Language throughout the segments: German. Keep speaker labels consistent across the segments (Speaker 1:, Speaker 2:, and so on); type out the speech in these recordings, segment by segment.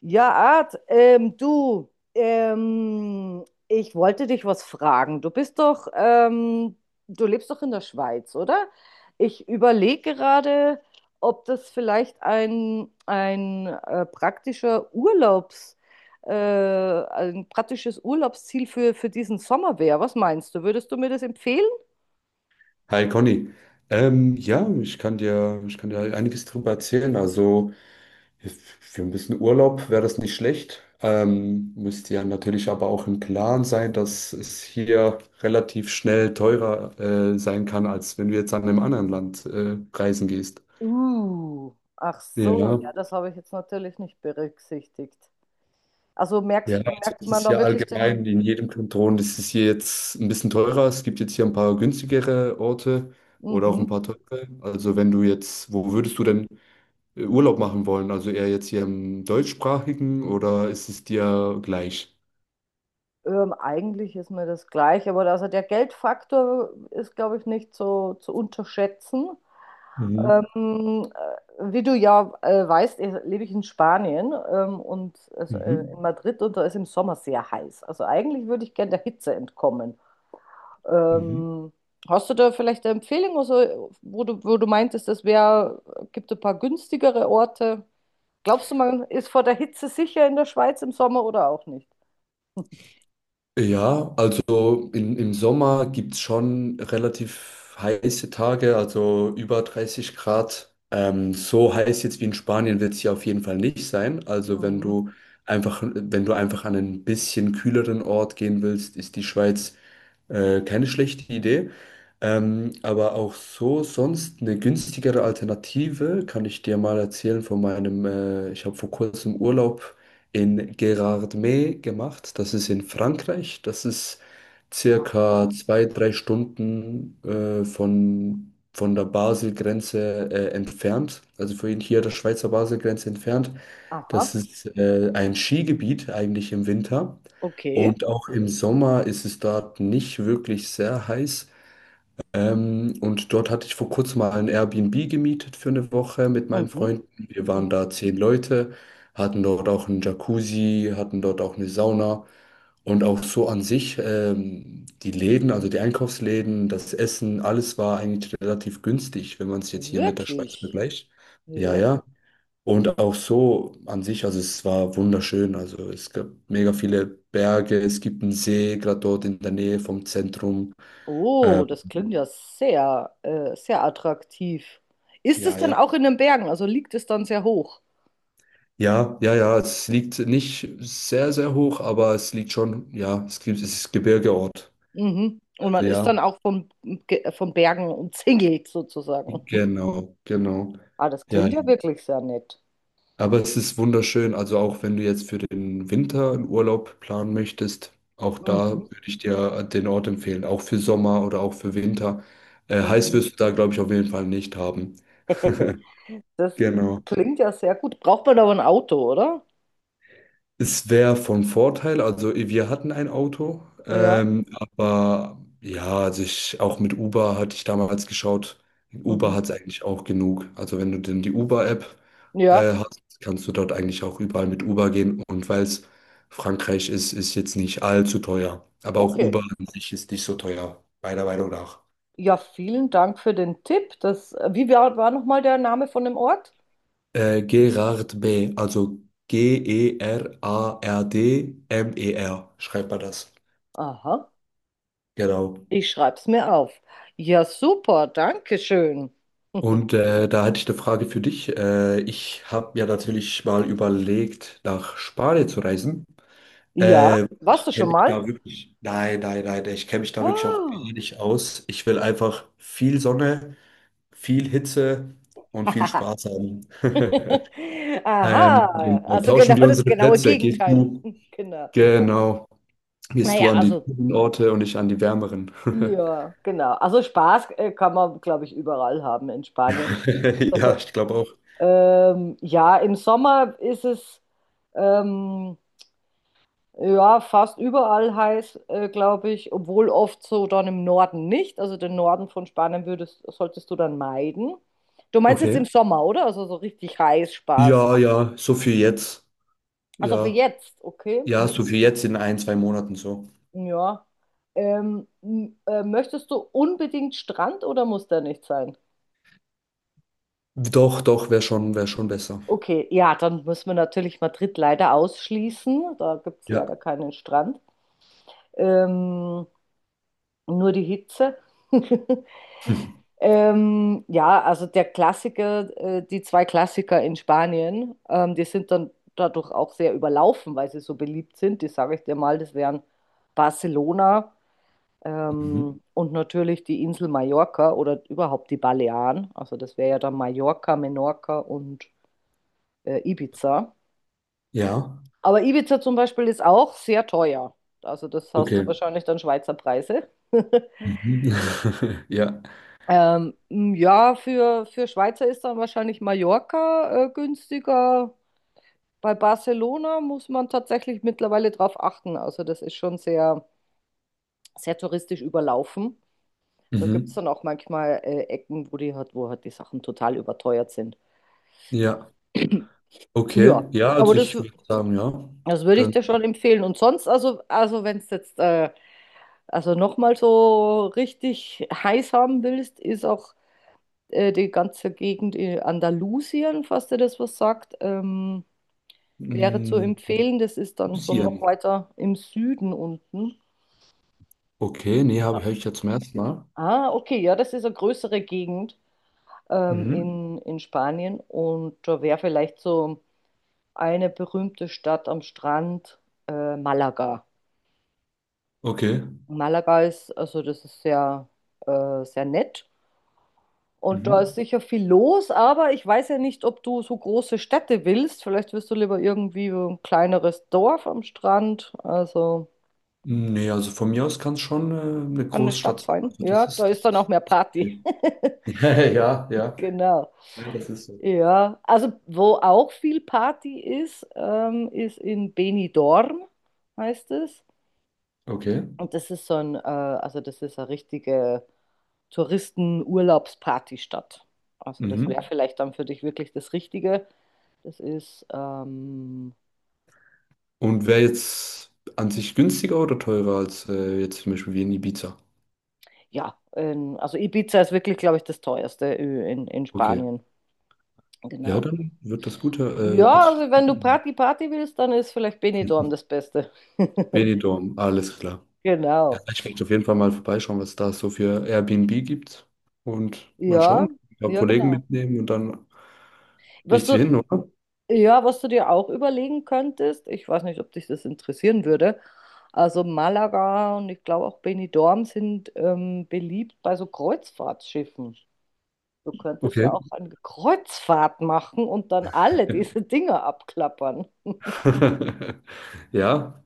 Speaker 1: Ja, Art, du, ich wollte dich was fragen. Du bist doch, du lebst doch in der Schweiz, oder? Ich überlege gerade, ob das vielleicht ein praktischer ein praktisches Urlaubsziel für diesen Sommer wäre. Was meinst du? Würdest du mir das empfehlen?
Speaker 2: Hi Conny. Ja, ich kann dir einiges drüber erzählen. Also für ein bisschen Urlaub wäre das nicht schlecht. Müsst ihr natürlich aber auch im Klaren sein, dass es hier relativ schnell teurer sein kann, als wenn du jetzt an einem anderen Land reisen gehst.
Speaker 1: Ach so,
Speaker 2: Ja,
Speaker 1: ja, das habe ich jetzt natürlich nicht berücksichtigt. Also
Speaker 2: ja, also
Speaker 1: merkt
Speaker 2: es
Speaker 1: man
Speaker 2: ist
Speaker 1: dann
Speaker 2: hier
Speaker 1: wirklich den,
Speaker 2: allgemein in jedem Kanton ist es hier jetzt ein bisschen teurer. Es gibt jetzt hier ein paar günstigere Orte oder auch ein
Speaker 1: mhm.
Speaker 2: paar teure. Also wenn du jetzt, wo würdest du denn Urlaub machen wollen? Also eher jetzt hier im deutschsprachigen oder ist es dir gleich?
Speaker 1: Eigentlich ist mir das gleich, aber also der Geldfaktor ist, glaube ich, nicht so zu unterschätzen.
Speaker 2: Mhm.
Speaker 1: Ähm, Wie du ja weißt, lebe ich in Spanien, und also, in
Speaker 2: Mhm.
Speaker 1: Madrid, und da ist im Sommer sehr heiß. Also eigentlich würde ich gerne der Hitze entkommen.
Speaker 2: Mhm.
Speaker 1: Ähm, Hast du da vielleicht eine Empfehlung, also, wo du meintest, es gibt ein paar günstigere Orte? Glaubst du, man ist vor der Hitze sicher in der Schweiz im Sommer oder auch nicht?
Speaker 2: Ja, also im Sommer gibt es schon relativ heiße Tage, also über 30 Grad. So heiß jetzt wie in Spanien wird es hier auf jeden Fall nicht sein. Also
Speaker 1: Mhm.
Speaker 2: wenn du einfach an einen bisschen kühleren Ort gehen willst, ist die Schweiz keine schlechte Idee. Aber auch so sonst eine günstigere Alternative kann ich dir mal erzählen von meinem, ich habe vor kurzem Urlaub in Gérardmer gemacht. Das ist in Frankreich. Das ist circa
Speaker 1: Aha,
Speaker 2: zwei, drei Stunden von der Basel-Grenze entfernt. Also von hier der Schweizer Basel-Grenze entfernt. Das
Speaker 1: aha.
Speaker 2: ist ein Skigebiet eigentlich im Winter.
Speaker 1: Okay.
Speaker 2: Und auch im Sommer ist es dort nicht wirklich sehr heiß. Und dort hatte ich vor kurzem mal ein Airbnb gemietet für eine Woche mit meinen
Speaker 1: Mhm.
Speaker 2: Freunden. Wir waren
Speaker 1: Mhm.
Speaker 2: da 10 Leute, hatten dort auch einen Jacuzzi, hatten dort auch eine Sauna. Und auch so an sich, die Läden, also die Einkaufsläden, das Essen, alles war eigentlich relativ günstig, wenn man es jetzt hier mit der Schweiz
Speaker 1: Wirklich?
Speaker 2: vergleicht. Ja,
Speaker 1: Ja.
Speaker 2: ja. Und auch so an sich, also es war wunderschön. Also es gab mega viele Berge, es gibt einen See, gerade dort in der Nähe vom Zentrum. Äh,
Speaker 1: Oh, das klingt ja sehr, sehr attraktiv. Ist es
Speaker 2: ja,
Speaker 1: dann
Speaker 2: ja.
Speaker 1: auch in den Bergen? Also liegt es dann sehr hoch?
Speaker 2: Ja, ja, ja, es liegt nicht sehr, sehr hoch, aber es liegt schon, ja, es gibt, es ist Gebirgeort.
Speaker 1: Mhm. Und
Speaker 2: Also
Speaker 1: man ist
Speaker 2: ja,
Speaker 1: dann auch vom Bergen umzingelt sozusagen.
Speaker 2: genau, genau.
Speaker 1: Ah, das
Speaker 2: Ja,
Speaker 1: klingt ja wirklich sehr nett.
Speaker 2: aber es ist wunderschön, also auch wenn du jetzt für den Winter einen Urlaub planen möchtest, auch da
Speaker 1: Mhm.
Speaker 2: würde ich dir den Ort empfehlen, auch für Sommer oder auch für Winter. Heiß
Speaker 1: Mhm.
Speaker 2: wirst du da, glaube ich, auf jeden Fall nicht haben.
Speaker 1: Das
Speaker 2: Genau.
Speaker 1: klingt ja sehr gut. Braucht man aber ein Auto, oder?
Speaker 2: Es wäre von Vorteil, also wir hatten ein Auto,
Speaker 1: Ja.
Speaker 2: aber ja, also ich, auch mit Uber hatte ich damals geschaut. Uber
Speaker 1: Mhm.
Speaker 2: hat es eigentlich auch genug. Also wenn du denn die Uber-App
Speaker 1: Ja.
Speaker 2: hast, kannst du dort eigentlich auch überall mit Uber gehen. Und weil es Frankreich ist, ist jetzt nicht allzu teuer. Aber auch
Speaker 1: Okay.
Speaker 2: Uber an sich ist nicht so teuer, meiner Meinung nach.
Speaker 1: Ja, vielen Dank für den Tipp. Das, war nochmal der Name von dem Ort?
Speaker 2: Gerard B., also Gerardmer, schreibt man das.
Speaker 1: Aha,
Speaker 2: Genau.
Speaker 1: ich schreib's mir auf. Ja, super, danke schön.
Speaker 2: Und da hätte ich eine Frage für dich. Ich habe ja natürlich mal überlegt, nach Spanien zu reisen.
Speaker 1: Ja, warst
Speaker 2: Ich
Speaker 1: du schon
Speaker 2: kenne mich
Speaker 1: mal?
Speaker 2: da wirklich, nein, nein, nein, ich kenne mich da wirklich auch gar
Speaker 1: Oh.
Speaker 2: nicht aus. Ich will einfach viel Sonne, viel Hitze und viel Spaß haben.
Speaker 1: Aha,
Speaker 2: Genau.
Speaker 1: also genau
Speaker 2: Tauschen wir
Speaker 1: das
Speaker 2: unsere
Speaker 1: genaue
Speaker 2: Plätze.
Speaker 1: Gegenteil. Genau.
Speaker 2: Genau, gehst du
Speaker 1: Naja,
Speaker 2: an die
Speaker 1: also,
Speaker 2: kühlen Orte und ich an die wärmeren.
Speaker 1: ja, genau. Also Spaß kann man, glaube ich, überall haben in Spanien.
Speaker 2: Ja, ich glaube auch.
Speaker 1: Ja, im Sommer ist es. Ähm, Ja, fast überall heiß, glaube ich, obwohl oft so dann im Norden nicht. Also den Norden von Spanien würdest, solltest du dann meiden. Du meinst jetzt
Speaker 2: Okay.
Speaker 1: im Sommer, oder? Also so richtig heiß Spaß.
Speaker 2: Ja, ja, so viel jetzt.
Speaker 1: Also für
Speaker 2: Ja.
Speaker 1: jetzt, okay.
Speaker 2: Ja, so für jetzt in ein, zwei Monaten so.
Speaker 1: Hm, ja. Möchtest du unbedingt Strand oder muss der nicht sein?
Speaker 2: Doch, doch, wäre schon besser.
Speaker 1: Okay, ja, dann müssen wir natürlich Madrid leider ausschließen. Da gibt es
Speaker 2: Ja.
Speaker 1: leider keinen Strand. Ähm, nur die Hitze. Ja, also der Klassiker, die zwei Klassiker in Spanien, die sind dann dadurch auch sehr überlaufen, weil sie so beliebt sind. Die sage ich dir mal, das wären Barcelona,
Speaker 2: Mhm.
Speaker 1: und natürlich die Insel Mallorca oder überhaupt die Balearen. Also das wäre ja dann Mallorca, Menorca und Ibiza.
Speaker 2: Ja,
Speaker 1: Aber Ibiza zum Beispiel ist auch sehr teuer. Also das hast du
Speaker 2: okay.
Speaker 1: wahrscheinlich dann Schweizer Preise.
Speaker 2: Mhm. Ja.
Speaker 1: Ja, für Schweizer ist dann wahrscheinlich Mallorca günstiger. Bei Barcelona muss man tatsächlich mittlerweile drauf achten. Also das ist schon sehr, sehr touristisch überlaufen. Da gibt es
Speaker 2: Mhm.
Speaker 1: dann auch manchmal Ecken, wo wo halt die Sachen total überteuert sind.
Speaker 2: Ja. Okay.
Speaker 1: Ja,
Speaker 2: Ja,
Speaker 1: aber
Speaker 2: also ich würde sagen, ja.
Speaker 1: das würde ich
Speaker 2: Dann
Speaker 1: dir schon empfehlen. Und sonst, also wenn es jetzt also nochmal so richtig heiß haben willst, ist auch die ganze Gegend in Andalusien, falls dir das was sagt, wäre zu
Speaker 2: mm,
Speaker 1: empfehlen. Das ist dann so
Speaker 2: Lucien.
Speaker 1: noch weiter im Süden unten.
Speaker 2: Okay, nee, hab ich ja zum ersten Mal.
Speaker 1: Ah, okay, ja, das ist eine größere Gegend,
Speaker 2: Mhm.
Speaker 1: in Spanien, und da wäre vielleicht so eine berühmte Stadt am Strand, Malaga.
Speaker 2: Okay.
Speaker 1: Malaga ist, also das ist sehr, sehr nett. Und da ist
Speaker 2: Mhm.
Speaker 1: sicher viel los, aber ich weiß ja nicht, ob du so große Städte willst. Vielleicht willst du lieber irgendwie so ein kleineres Dorf am Strand. Also
Speaker 2: Nee, also von mir aus kann es schon eine
Speaker 1: kann eine
Speaker 2: Großstadt
Speaker 1: Stadt
Speaker 2: sein.
Speaker 1: sein.
Speaker 2: Also
Speaker 1: Ja, da ist
Speaker 2: das
Speaker 1: dann auch
Speaker 2: ist
Speaker 1: mehr Party.
Speaker 2: okay. Ja, ja.
Speaker 1: Genau.
Speaker 2: Ja, das ist so.
Speaker 1: Ja, also wo auch viel Party ist, ist in Benidorm, heißt es.
Speaker 2: Okay.
Speaker 1: Und das ist so also das ist eine richtige Touristen-Urlaubspartystadt. Also das wäre
Speaker 2: Mhm.
Speaker 1: vielleicht dann für dich wirklich das Richtige. Das ist
Speaker 2: Und wäre jetzt an sich günstiger oder teurer als jetzt zum Beispiel wie in Ibiza?
Speaker 1: Ja, also Ibiza ist wirklich, glaube ich, das teuerste Ö in
Speaker 2: Okay.
Speaker 1: Spanien.
Speaker 2: Ja,
Speaker 1: Genau.
Speaker 2: dann wird das Gute. Hört
Speaker 1: Ja,
Speaker 2: sich
Speaker 1: also wenn du Party Party willst, dann ist vielleicht Benidorm
Speaker 2: das-
Speaker 1: das Beste.
Speaker 2: Benidorm, alles klar. Ja,
Speaker 1: Genau.
Speaker 2: ich werde auf jeden Fall mal vorbeischauen, was da so für Airbnb gibt. Und mal
Speaker 1: Ja,
Speaker 2: schauen. Ein paar
Speaker 1: ja,
Speaker 2: Kollegen
Speaker 1: genau.
Speaker 2: mitnehmen und dann
Speaker 1: Was
Speaker 2: nichts wie
Speaker 1: du,
Speaker 2: hin, oder?
Speaker 1: ja, was du dir auch überlegen könntest, ich weiß nicht, ob dich das interessieren würde. Also Malaga und ich glaube auch Benidorm sind beliebt bei so Kreuzfahrtschiffen. Du könntest
Speaker 2: Okay.
Speaker 1: ja auch eine Kreuzfahrt machen und dann alle diese Dinge abklappern.
Speaker 2: Ja,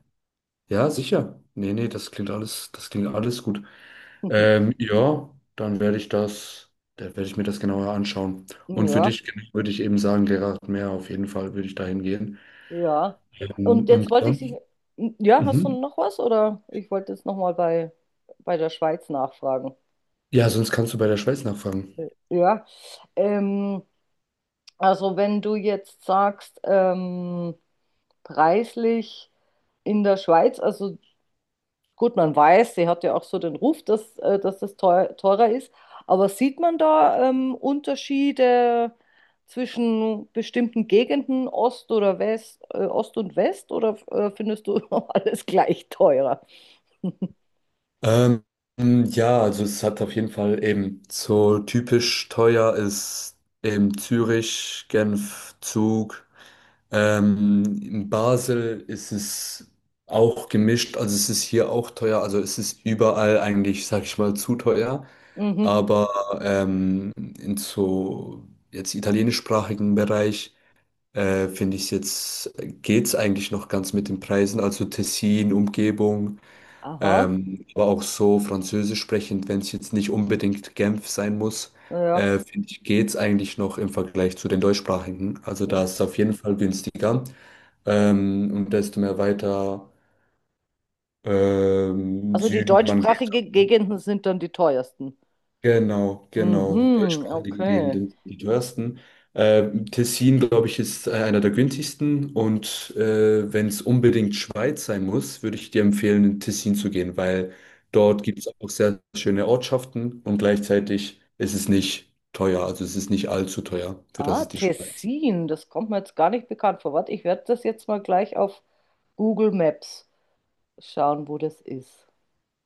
Speaker 2: ja, sicher. Nee, nee, das klingt alles gut. Ja, dann werde ich mir das genauer anschauen. Und für
Speaker 1: Ja,
Speaker 2: dich genau würde ich eben sagen, Gerhard Mehr, auf jeden Fall würde ich dahin gehen.
Speaker 1: ja. Und jetzt
Speaker 2: Und
Speaker 1: wollte ich dich,
Speaker 2: sonst,
Speaker 1: hm, ja, hast du
Speaker 2: mhm.
Speaker 1: noch was oder ich wollte jetzt nochmal bei der Schweiz nachfragen.
Speaker 2: Ja, sonst kannst du bei der Schweiz nachfragen.
Speaker 1: Ja, ähm, also wenn du jetzt sagst, preislich in der Schweiz, also gut, man weiß, sie hat ja auch so den Ruf, dass, dass das teurer ist. Aber sieht man da Unterschiede zwischen bestimmten Gegenden, Ost oder West, Ost und West, oder findest du alles gleich teurer?
Speaker 2: Ähm, ja, also es hat auf jeden Fall eben so typisch teuer ist eben Zürich, Genf, Zug. In Basel ist es auch gemischt, also es ist hier auch teuer, also es ist überall eigentlich, sag ich mal, zu teuer.
Speaker 1: Mhm.
Speaker 2: Aber in so jetzt italienischsprachigen Bereich finde ich es jetzt, geht's eigentlich noch ganz mit den Preisen, also Tessin, Umgebung,
Speaker 1: Aha,
Speaker 2: aber auch so französisch sprechend, wenn es jetzt nicht unbedingt Genf sein muss,
Speaker 1: ja.
Speaker 2: finde ich, geht's eigentlich noch im Vergleich zu den deutschsprachigen. Also
Speaker 1: Ja.
Speaker 2: da ist es auf jeden Fall günstiger. Und desto mehr weiter
Speaker 1: Also die
Speaker 2: Süden man geht.
Speaker 1: deutschsprachigen Gegenden sind dann die teuersten.
Speaker 2: Genau, genau.
Speaker 1: Mhm,
Speaker 2: Deutschsprachige
Speaker 1: okay.
Speaker 2: Gegenden sind die teuersten. Tessin, glaube ich, ist einer der günstigsten. Und wenn es unbedingt Schweiz sein muss, würde ich dir empfehlen, in Tessin zu gehen, weil dort gibt es auch sehr schöne Ortschaften und gleichzeitig ist es nicht teuer. Also es ist nicht allzu teuer, für das
Speaker 1: Ah,
Speaker 2: es die Schweiz ist.
Speaker 1: Tessin, das kommt mir jetzt gar nicht bekannt vor. Warte, ich werde das jetzt mal gleich auf Google Maps schauen, wo das ist.